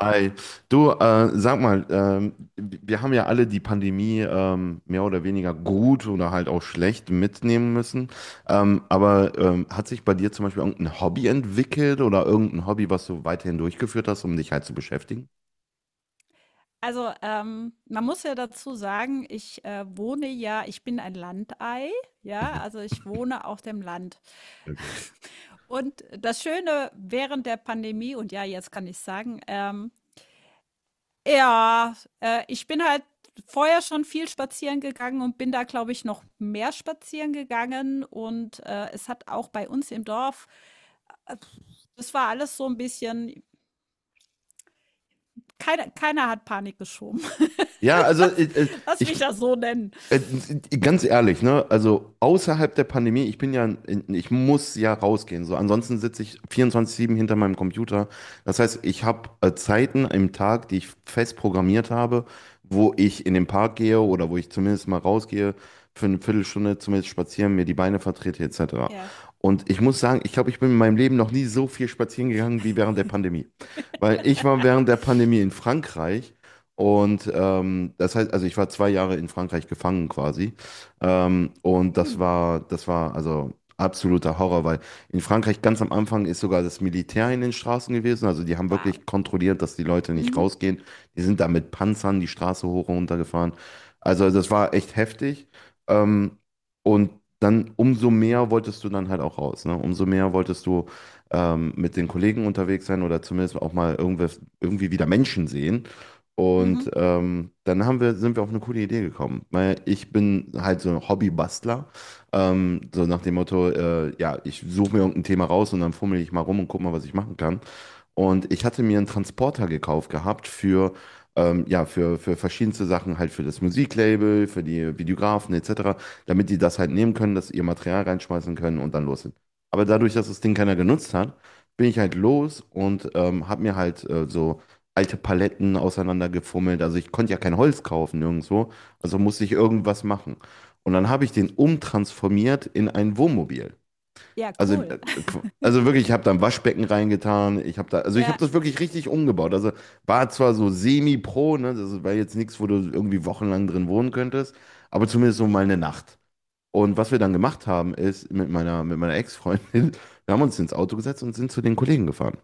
Hi. Du, sag mal, wir haben ja alle die Pandemie mehr oder weniger gut oder halt auch schlecht mitnehmen müssen. Aber hat sich bei dir zum Beispiel irgendein Hobby entwickelt oder irgendein Hobby, was du weiterhin durchgeführt hast, um dich halt zu beschäftigen? Also, man muss ja dazu sagen, ich bin ein Landei, ja, Mhm. also ich wohne auf dem Land. Okay. Und das Schöne während der Pandemie, und ja, jetzt kann ich sagen, ja, ich bin halt vorher schon viel spazieren gegangen und bin da, glaube ich, noch mehr spazieren gegangen. Und es hat auch bei uns im Dorf, das war alles so ein bisschen, keiner hat Panik geschoben. Ja, also Lass lass mich ich, das so nennen. Äh, ganz ehrlich, ne? Also außerhalb der Pandemie, ich muss ja rausgehen. So, ansonsten sitze ich 24/7 hinter meinem Computer. Das heißt, ich habe Zeiten im Tag, die ich fest programmiert habe, wo ich in den Park gehe oder wo ich zumindest mal rausgehe für eine Viertelstunde, zumindest spazieren, mir die Beine vertrete etc. Ja. Und ich muss sagen, ich glaube, ich bin in meinem Leben noch nie so viel spazieren gegangen wie während der Pandemie. Weil ich war während der Pandemie in Frankreich. Und das heißt, also ich war 2 Jahre in Frankreich gefangen quasi. Und Mhm. Das war also absoluter Horror, weil in Frankreich ganz am Anfang ist sogar das Militär in den Straßen gewesen. Also die haben Wow. wirklich kontrolliert, dass die Leute nicht Mhm, rausgehen. Die sind da mit Panzern die Straße hoch und runter gefahren. Also das war echt heftig. Ähm, und dann umso mehr wolltest du dann halt auch raus, ne? Umso mehr wolltest du mit den Kollegen unterwegs sein oder zumindest auch mal irgendwas, irgendwie wieder Menschen sehen. mhm. Und dann sind wir auf eine coole Idee gekommen, weil ich bin halt so ein Hobbybastler, so nach dem Motto, ja, ich suche mir irgendein Thema raus und dann fummel ich mal rum und guck mal, was ich machen kann. Und ich hatte mir einen Transporter gekauft gehabt für, ja, für verschiedenste Sachen, halt für das Musiklabel, für die Videografen etc., damit die das halt nehmen können, dass sie ihr Material reinschmeißen können und dann los sind. Aber dadurch, dass das Ding keiner genutzt hat, bin ich halt los und habe mir halt so alte Paletten auseinandergefummelt. Also ich konnte ja kein Holz kaufen nirgendwo, also musste ich irgendwas machen. Und dann habe ich den umtransformiert in ein Wohnmobil. Ja, Also, cool. äh, also wirklich, ich habe da ein Waschbecken reingetan. Ich habe da, also ich habe Ja, das wirklich richtig umgebaut. Also war zwar so semi-pro, ne, das war jetzt nichts, wo du irgendwie wochenlang drin wohnen könntest, aber zumindest so mal eine Nacht. Und was wir dann gemacht haben, ist mit meiner Ex-Freundin, wir haben uns ins Auto gesetzt und sind zu den Kollegen gefahren.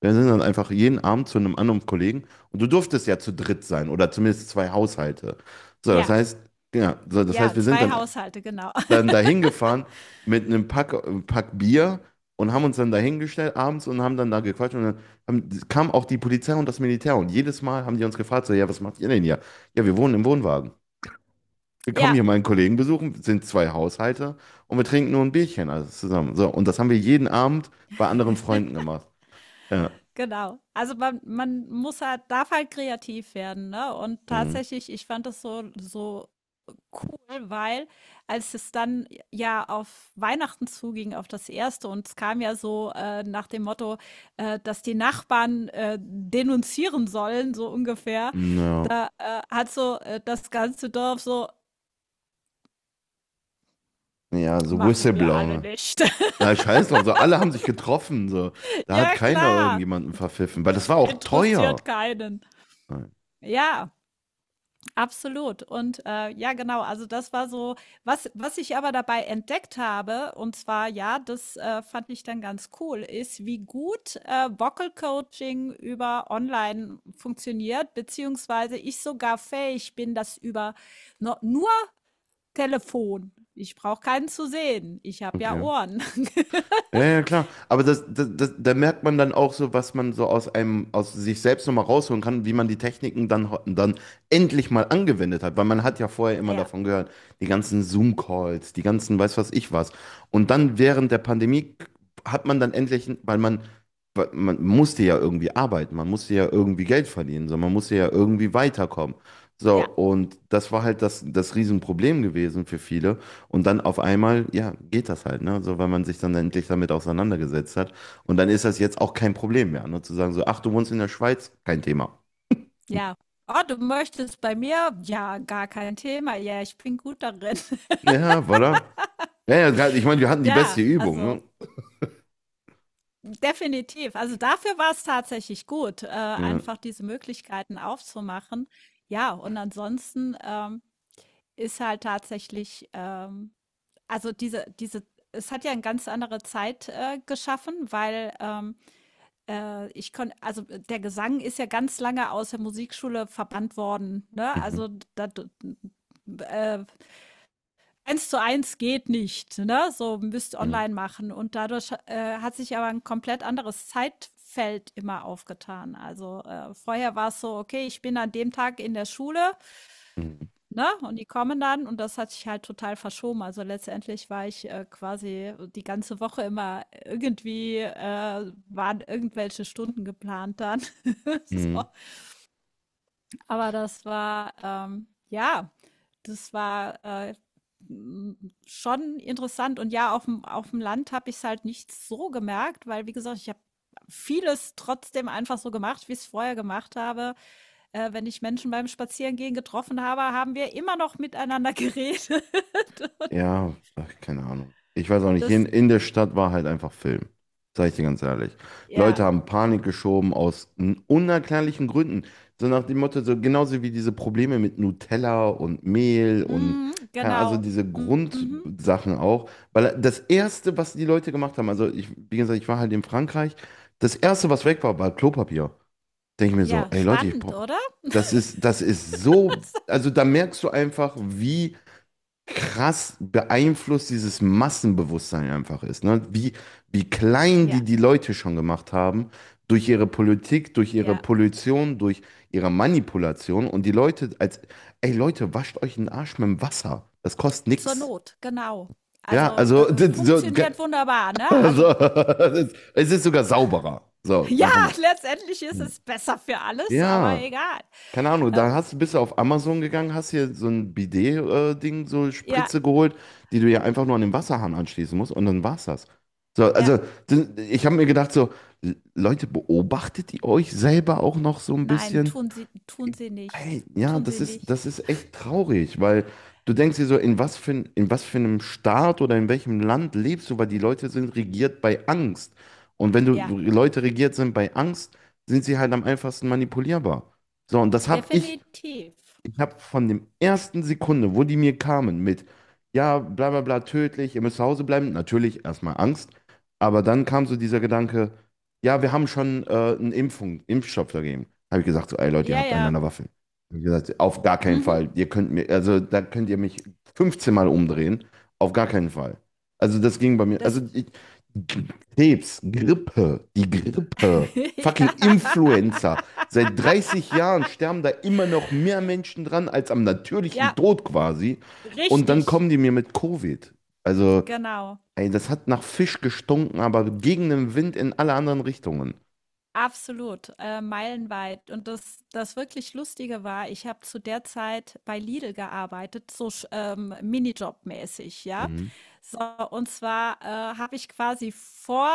Wir sind dann einfach jeden Abend zu einem anderen Kollegen und du durftest ja zu dritt sein oder zumindest 2 Haushalte. So, das ja, heißt, ja, wir sind 2 dann Haushalte, genau. Dahin gefahren mit einem Pack Bier und haben uns dann dahingestellt abends und haben dann da gequatscht und dann kam auch die Polizei und das Militär und jedes Mal haben die uns gefragt, so, ja, was macht ihr denn hier? Ja, wir wohnen im Wohnwagen. Wir kommen Ja, hier meinen Kollegen besuchen, sind 2 Haushalte und wir trinken nur ein Bierchen alles zusammen. So, und das haben wir jeden Abend bei anderen Freunden gemacht. Ja, genau. Also man muss halt darf halt kreativ werden, ne? Und mhm. tatsächlich, ich fand das so so cool, weil, als es dann ja auf Weihnachten zuging, auf das erste, und es kam ja so, nach dem Motto, dass die Nachbarn denunzieren sollen, so ungefähr. Ja, Da hat so, das ganze Dorf so: ja, so „Machen wir alle Whistleblower. nicht." Da scheiß drauf, so alle haben sich getroffen, so. Da hat Ja, keiner klar. irgendjemanden verpfiffen, weil das war auch Interessiert teuer. keinen. Nein. Ja, absolut. Und ja, genau. Also das war so, was ich aber dabei entdeckt habe, und zwar, ja, das, fand ich dann ganz cool, ist, wie gut Vocal Coaching über online funktioniert, beziehungsweise ich sogar fähig bin, das über no, nur Telefon. Ich brauche keinen zu sehen. Ich habe ja Okay. Ohren. Ja, ja, klar. Aber da merkt man dann auch so, was man so aus sich selbst nochmal rausholen kann, wie man die Techniken dann, dann endlich mal angewendet hat. Weil man hat ja vorher immer Ja, davon gehört, die ganzen Zoom-Calls, die ganzen weiß was ich was. Und dann während der Pandemie hat man dann endlich, weil man, musste ja irgendwie arbeiten, man musste ja irgendwie Geld verdienen, so, man musste ja irgendwie weiterkommen. So, ja, und das war halt das Riesenproblem gewesen für viele. Und dann auf einmal, ja, geht das halt, ne? So, weil man sich dann endlich damit auseinandergesetzt hat. Und dann ist das jetzt auch kein Problem mehr, ne? Zu sagen so, ach, du wohnst in der Schweiz? Kein Thema. ja. Oh, du möchtest bei mir? Ja, gar kein Thema. Ja, ich bin gut darin. Ja, voilà. Ja, ja, ich meine, wir hatten die beste Ja, Übung, also ne? definitiv. Also dafür war es tatsächlich gut, Ja. einfach diese Möglichkeiten aufzumachen. Ja, und ansonsten, ist halt tatsächlich, also diese, diese, es hat ja eine ganz andere Zeit geschaffen, weil, ich konnte, also der Gesang ist ja ganz lange aus der Musikschule verbannt worden, ne? Mhm. Also da, äh, Eins zu eins geht nicht, ne? So, müsst Mhm. online machen. Und dadurch hat sich aber ein komplett anderes Zeitfeld immer aufgetan. Also vorher war es so, okay, ich bin an dem Tag in der Schule, Mhm. ne? Und die kommen dann, und das hat sich halt total verschoben. Also letztendlich war ich quasi die ganze Woche immer irgendwie, waren irgendwelche Stunden geplant dann. So. Mhm. Aber das war, ja, das war m- schon interessant. Und ja, auf dem Land habe ich es halt nicht so gemerkt, weil, wie gesagt, ich habe vieles trotzdem einfach so gemacht, wie ich es vorher gemacht habe. Wenn ich Menschen beim Spazierengehen getroffen habe, haben wir immer noch miteinander geredet. Und Ja, ach, keine Ahnung. Ich weiß auch nicht. Hier das, in der Stadt war halt einfach Film. Sag ich dir ganz ehrlich. ja, Leute haben Panik geschoben aus unerklärlichen Gründen. So nach dem Motto, so genauso wie diese Probleme mit Nutella und Mehl und mm, also genau. diese Mhm. Grundsachen auch. Weil das Erste, was die Leute gemacht haben, also ich, wie gesagt, ich war halt in Frankreich, das Erste, was weg war, war Klopapier. Denke ich mir so, Ja, ey Leute, spannend, oder? das ist, so, also da merkst du einfach, wie krass beeinflusst dieses Massenbewusstsein einfach ist. Ne? Wie klein die Ja, die Leute schon gemacht haben durch ihre Politik, durch ihre ja. Pollution, durch ihre Manipulation. Und die Leute als, ey Leute, wascht euch den Arsch mit dem Wasser. Das kostet Zur nix. Not, genau. Ja, Also, also, funktioniert wunderbar, ne? Also, also es ist sogar sauberer. So, ja, davon mal. letztendlich ist Hm. es besser für alles, aber Ja, egal. keine Ahnung, Ähm, dann bist du auf Amazon gegangen, hast hier so ein Bidet-Ding, so ja, Spritze geholt, die du ja einfach nur an den Wasserhahn anschließen musst und dann war's das. So, ja, also ich habe mir gedacht, so, Leute, beobachtet ihr euch selber auch noch so ein nein, bisschen? tun Sie nicht. Ey, ja, Tun Sie nicht. das ist echt traurig, weil du denkst dir so, in was für einem Staat oder in welchem Land lebst du, weil die Ja, Leute sind regiert bei Angst. Und wenn du ja, Leute regiert sind bei Angst, sind sie halt am einfachsten manipulierbar. So, und das habe ich definitiv. ich habe von dem ersten Sekunde, wo die mir kamen mit, ja, bla bla bla, tödlich, ihr müsst zu Hause bleiben, natürlich erstmal Angst, aber dann kam so dieser Gedanke, ja, wir haben schon Impfstoff dagegen. Habe ich gesagt, so, ey Leute, ihr Ja, habt ja. einander an. Hab ich gesagt, auf gar keinen Mhm. Fall, ihr könnt mir, also da könnt ihr mich 15 Mal umdrehen, auf gar keinen Fall. Also das ging bei mir, Das Krebs, Grippe, die Grippe, ja. fucking Influenza. Seit 30 Jahren sterben da immer noch mehr Menschen dran als am natürlichen Ja, Tod quasi. Und dann richtig, kommen die mir mit Covid. Also, genau. ey, das hat nach Fisch gestunken, aber gegen den Wind in alle anderen Richtungen. Absolut, meilenweit. Und das wirklich Lustige war, ich habe zu der Zeit bei Lidl gearbeitet, so Minijob-mäßig, ja. Mhm. So, und zwar habe ich quasi vor,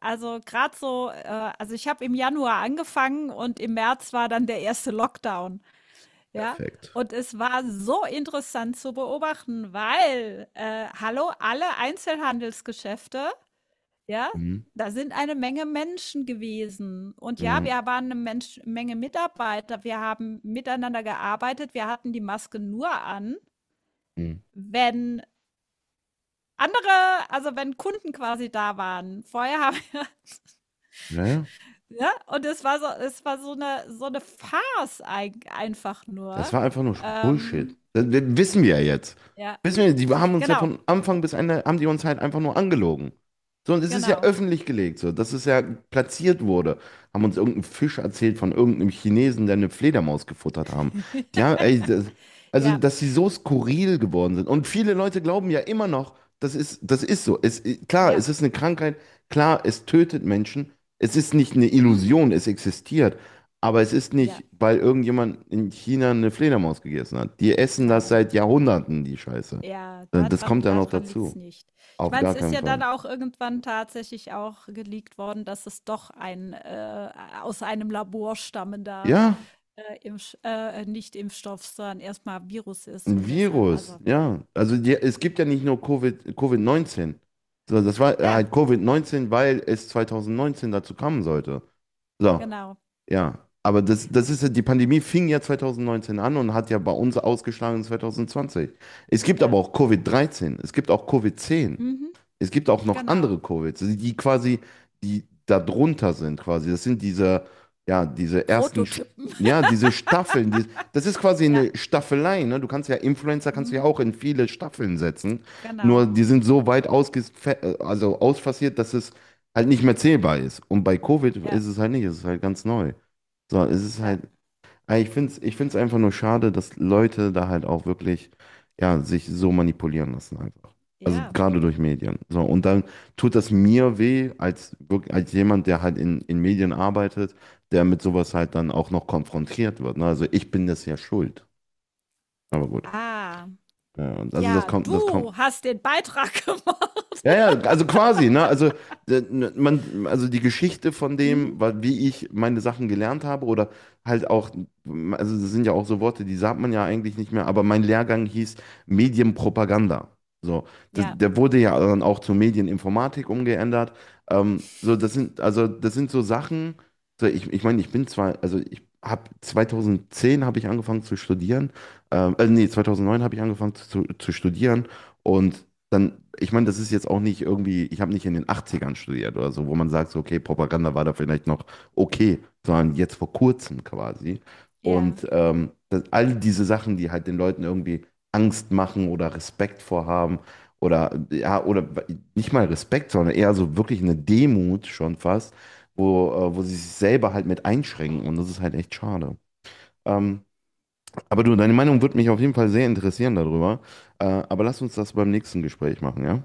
also gerade so, also ich habe im Januar angefangen, und im März war dann der erste Lockdown, ja. Perfekt. Und es war so interessant zu beobachten, weil, hallo, alle Einzelhandelsgeschäfte, ja, Mhm. da sind eine Menge Menschen gewesen. Und ja, wir Mhm. waren eine Mensch Menge Mitarbeiter. Wir haben miteinander gearbeitet. Wir hatten die Maske nur an, Mhm. wenn andere also, wenn Kunden quasi da waren. Vorher haben wir Ja, ja. ja. Und es war so eine Farce, eig einfach Das nur. war einfach nur Bullshit. Ähm, Das wissen wir ja jetzt. ja, Wissen wir, die haben uns ja genau, von Anfang bis Ende, haben die uns halt einfach nur angelogen. So, und es ist ja genau. öffentlich gelegt, so, dass es ja platziert wurde. Haben uns irgendeinen Fisch erzählt von irgendeinem Chinesen, der eine Fledermaus gefuttert haben. Ja, ey, also, Ja, dass sie so skurril geworden sind. Und viele Leute glauben ja immer noch, das ist so. Klar, ja. es ist eine Krankheit. Klar, es tötet Menschen. Es ist nicht eine Mhm. Illusion, es existiert. Aber es ist Ja, nicht, weil irgendjemand in China eine Fledermaus gegessen hat. Die essen das nein. seit Jahrhunderten, die Scheiße. Ja, Das daran kommt ja noch dadran liegt's dazu. nicht. Ich Auf meine, gar es ist keinen ja Fall. dann auch irgendwann tatsächlich auch geleakt worden, dass es doch ein, aus einem Labor stammender, Ja, Impfsch nicht Impfstoff, sondern erstmal Virus ist ein und deshalb Virus, also, ja. Es gibt ja nicht nur Covid, Covid-19. So, das war ja, halt Covid-19, weil es 2019 dazu kommen sollte. So, genau. ja. Aber die Pandemie fing ja 2019 an und hat ja bei uns ausgeschlagen in 2020. Es gibt Ja, aber auch Covid-13, es gibt auch Covid-10. mhm, Es gibt auch noch genau. andere Covid, also die quasi, die da drunter sind quasi. Das sind diese, ja, diese ersten, Prototypen. ja, diese Staffeln. Das ist quasi Ja, eine Staffelei, ne? Du kannst ja Influencer, kannst du ja mhm, auch in viele Staffeln setzen. Nur genau. die sind so weit also ausfassiert, dass es halt nicht mehr zählbar ist. Und bei Covid Ja, ist es halt nicht, es ist halt ganz neu. So, es ist ja, halt, aber Ich finde es ich find's einfach nur schade, dass Leute da halt auch wirklich, ja, sich so manipulieren lassen einfach. Also ja. gerade durch Medien. So, und dann tut das mir weh, als, als jemand, der halt in Medien arbeitet, der mit sowas halt dann auch noch konfrontiert wird. Ne? Also ich bin das ja schuld. Aber gut. Ah, Ja, und also das ja, kommt, das kommt. du hast den Beitrag gemacht. Ja, ja, also quasi, ne? Also, ne, man, also die Geschichte von Mhm, dem, wie ich meine Sachen gelernt habe, oder halt auch, also das sind ja auch so Worte, die sagt man ja eigentlich nicht mehr, aber mein Lehrgang hieß Medienpropaganda. So, ja, der wurde ja dann auch zur Medieninformatik umgeändert. So, also das sind so Sachen, so ich meine, ich bin zwar, also ich habe 2010 habe ich angefangen zu studieren, nee, 2009 habe ich angefangen zu studieren. Und dann, ich meine, das ist jetzt auch nicht irgendwie, ich habe nicht in den Achtzigern studiert oder so, wo man sagt, so, okay, Propaganda war da vielleicht noch okay, sondern jetzt vor kurzem quasi. ja. Und all diese Sachen, die halt den Leuten irgendwie Angst machen oder Respekt vorhaben oder, ja, oder nicht mal Respekt, sondern eher so wirklich eine Demut schon fast, wo sie sich selber halt mit einschränken und das ist halt echt schade. Ähm, aber du, deine Meinung würde mich auf jeden Fall sehr interessieren darüber. Aber lass uns das beim nächsten Gespräch machen, ja?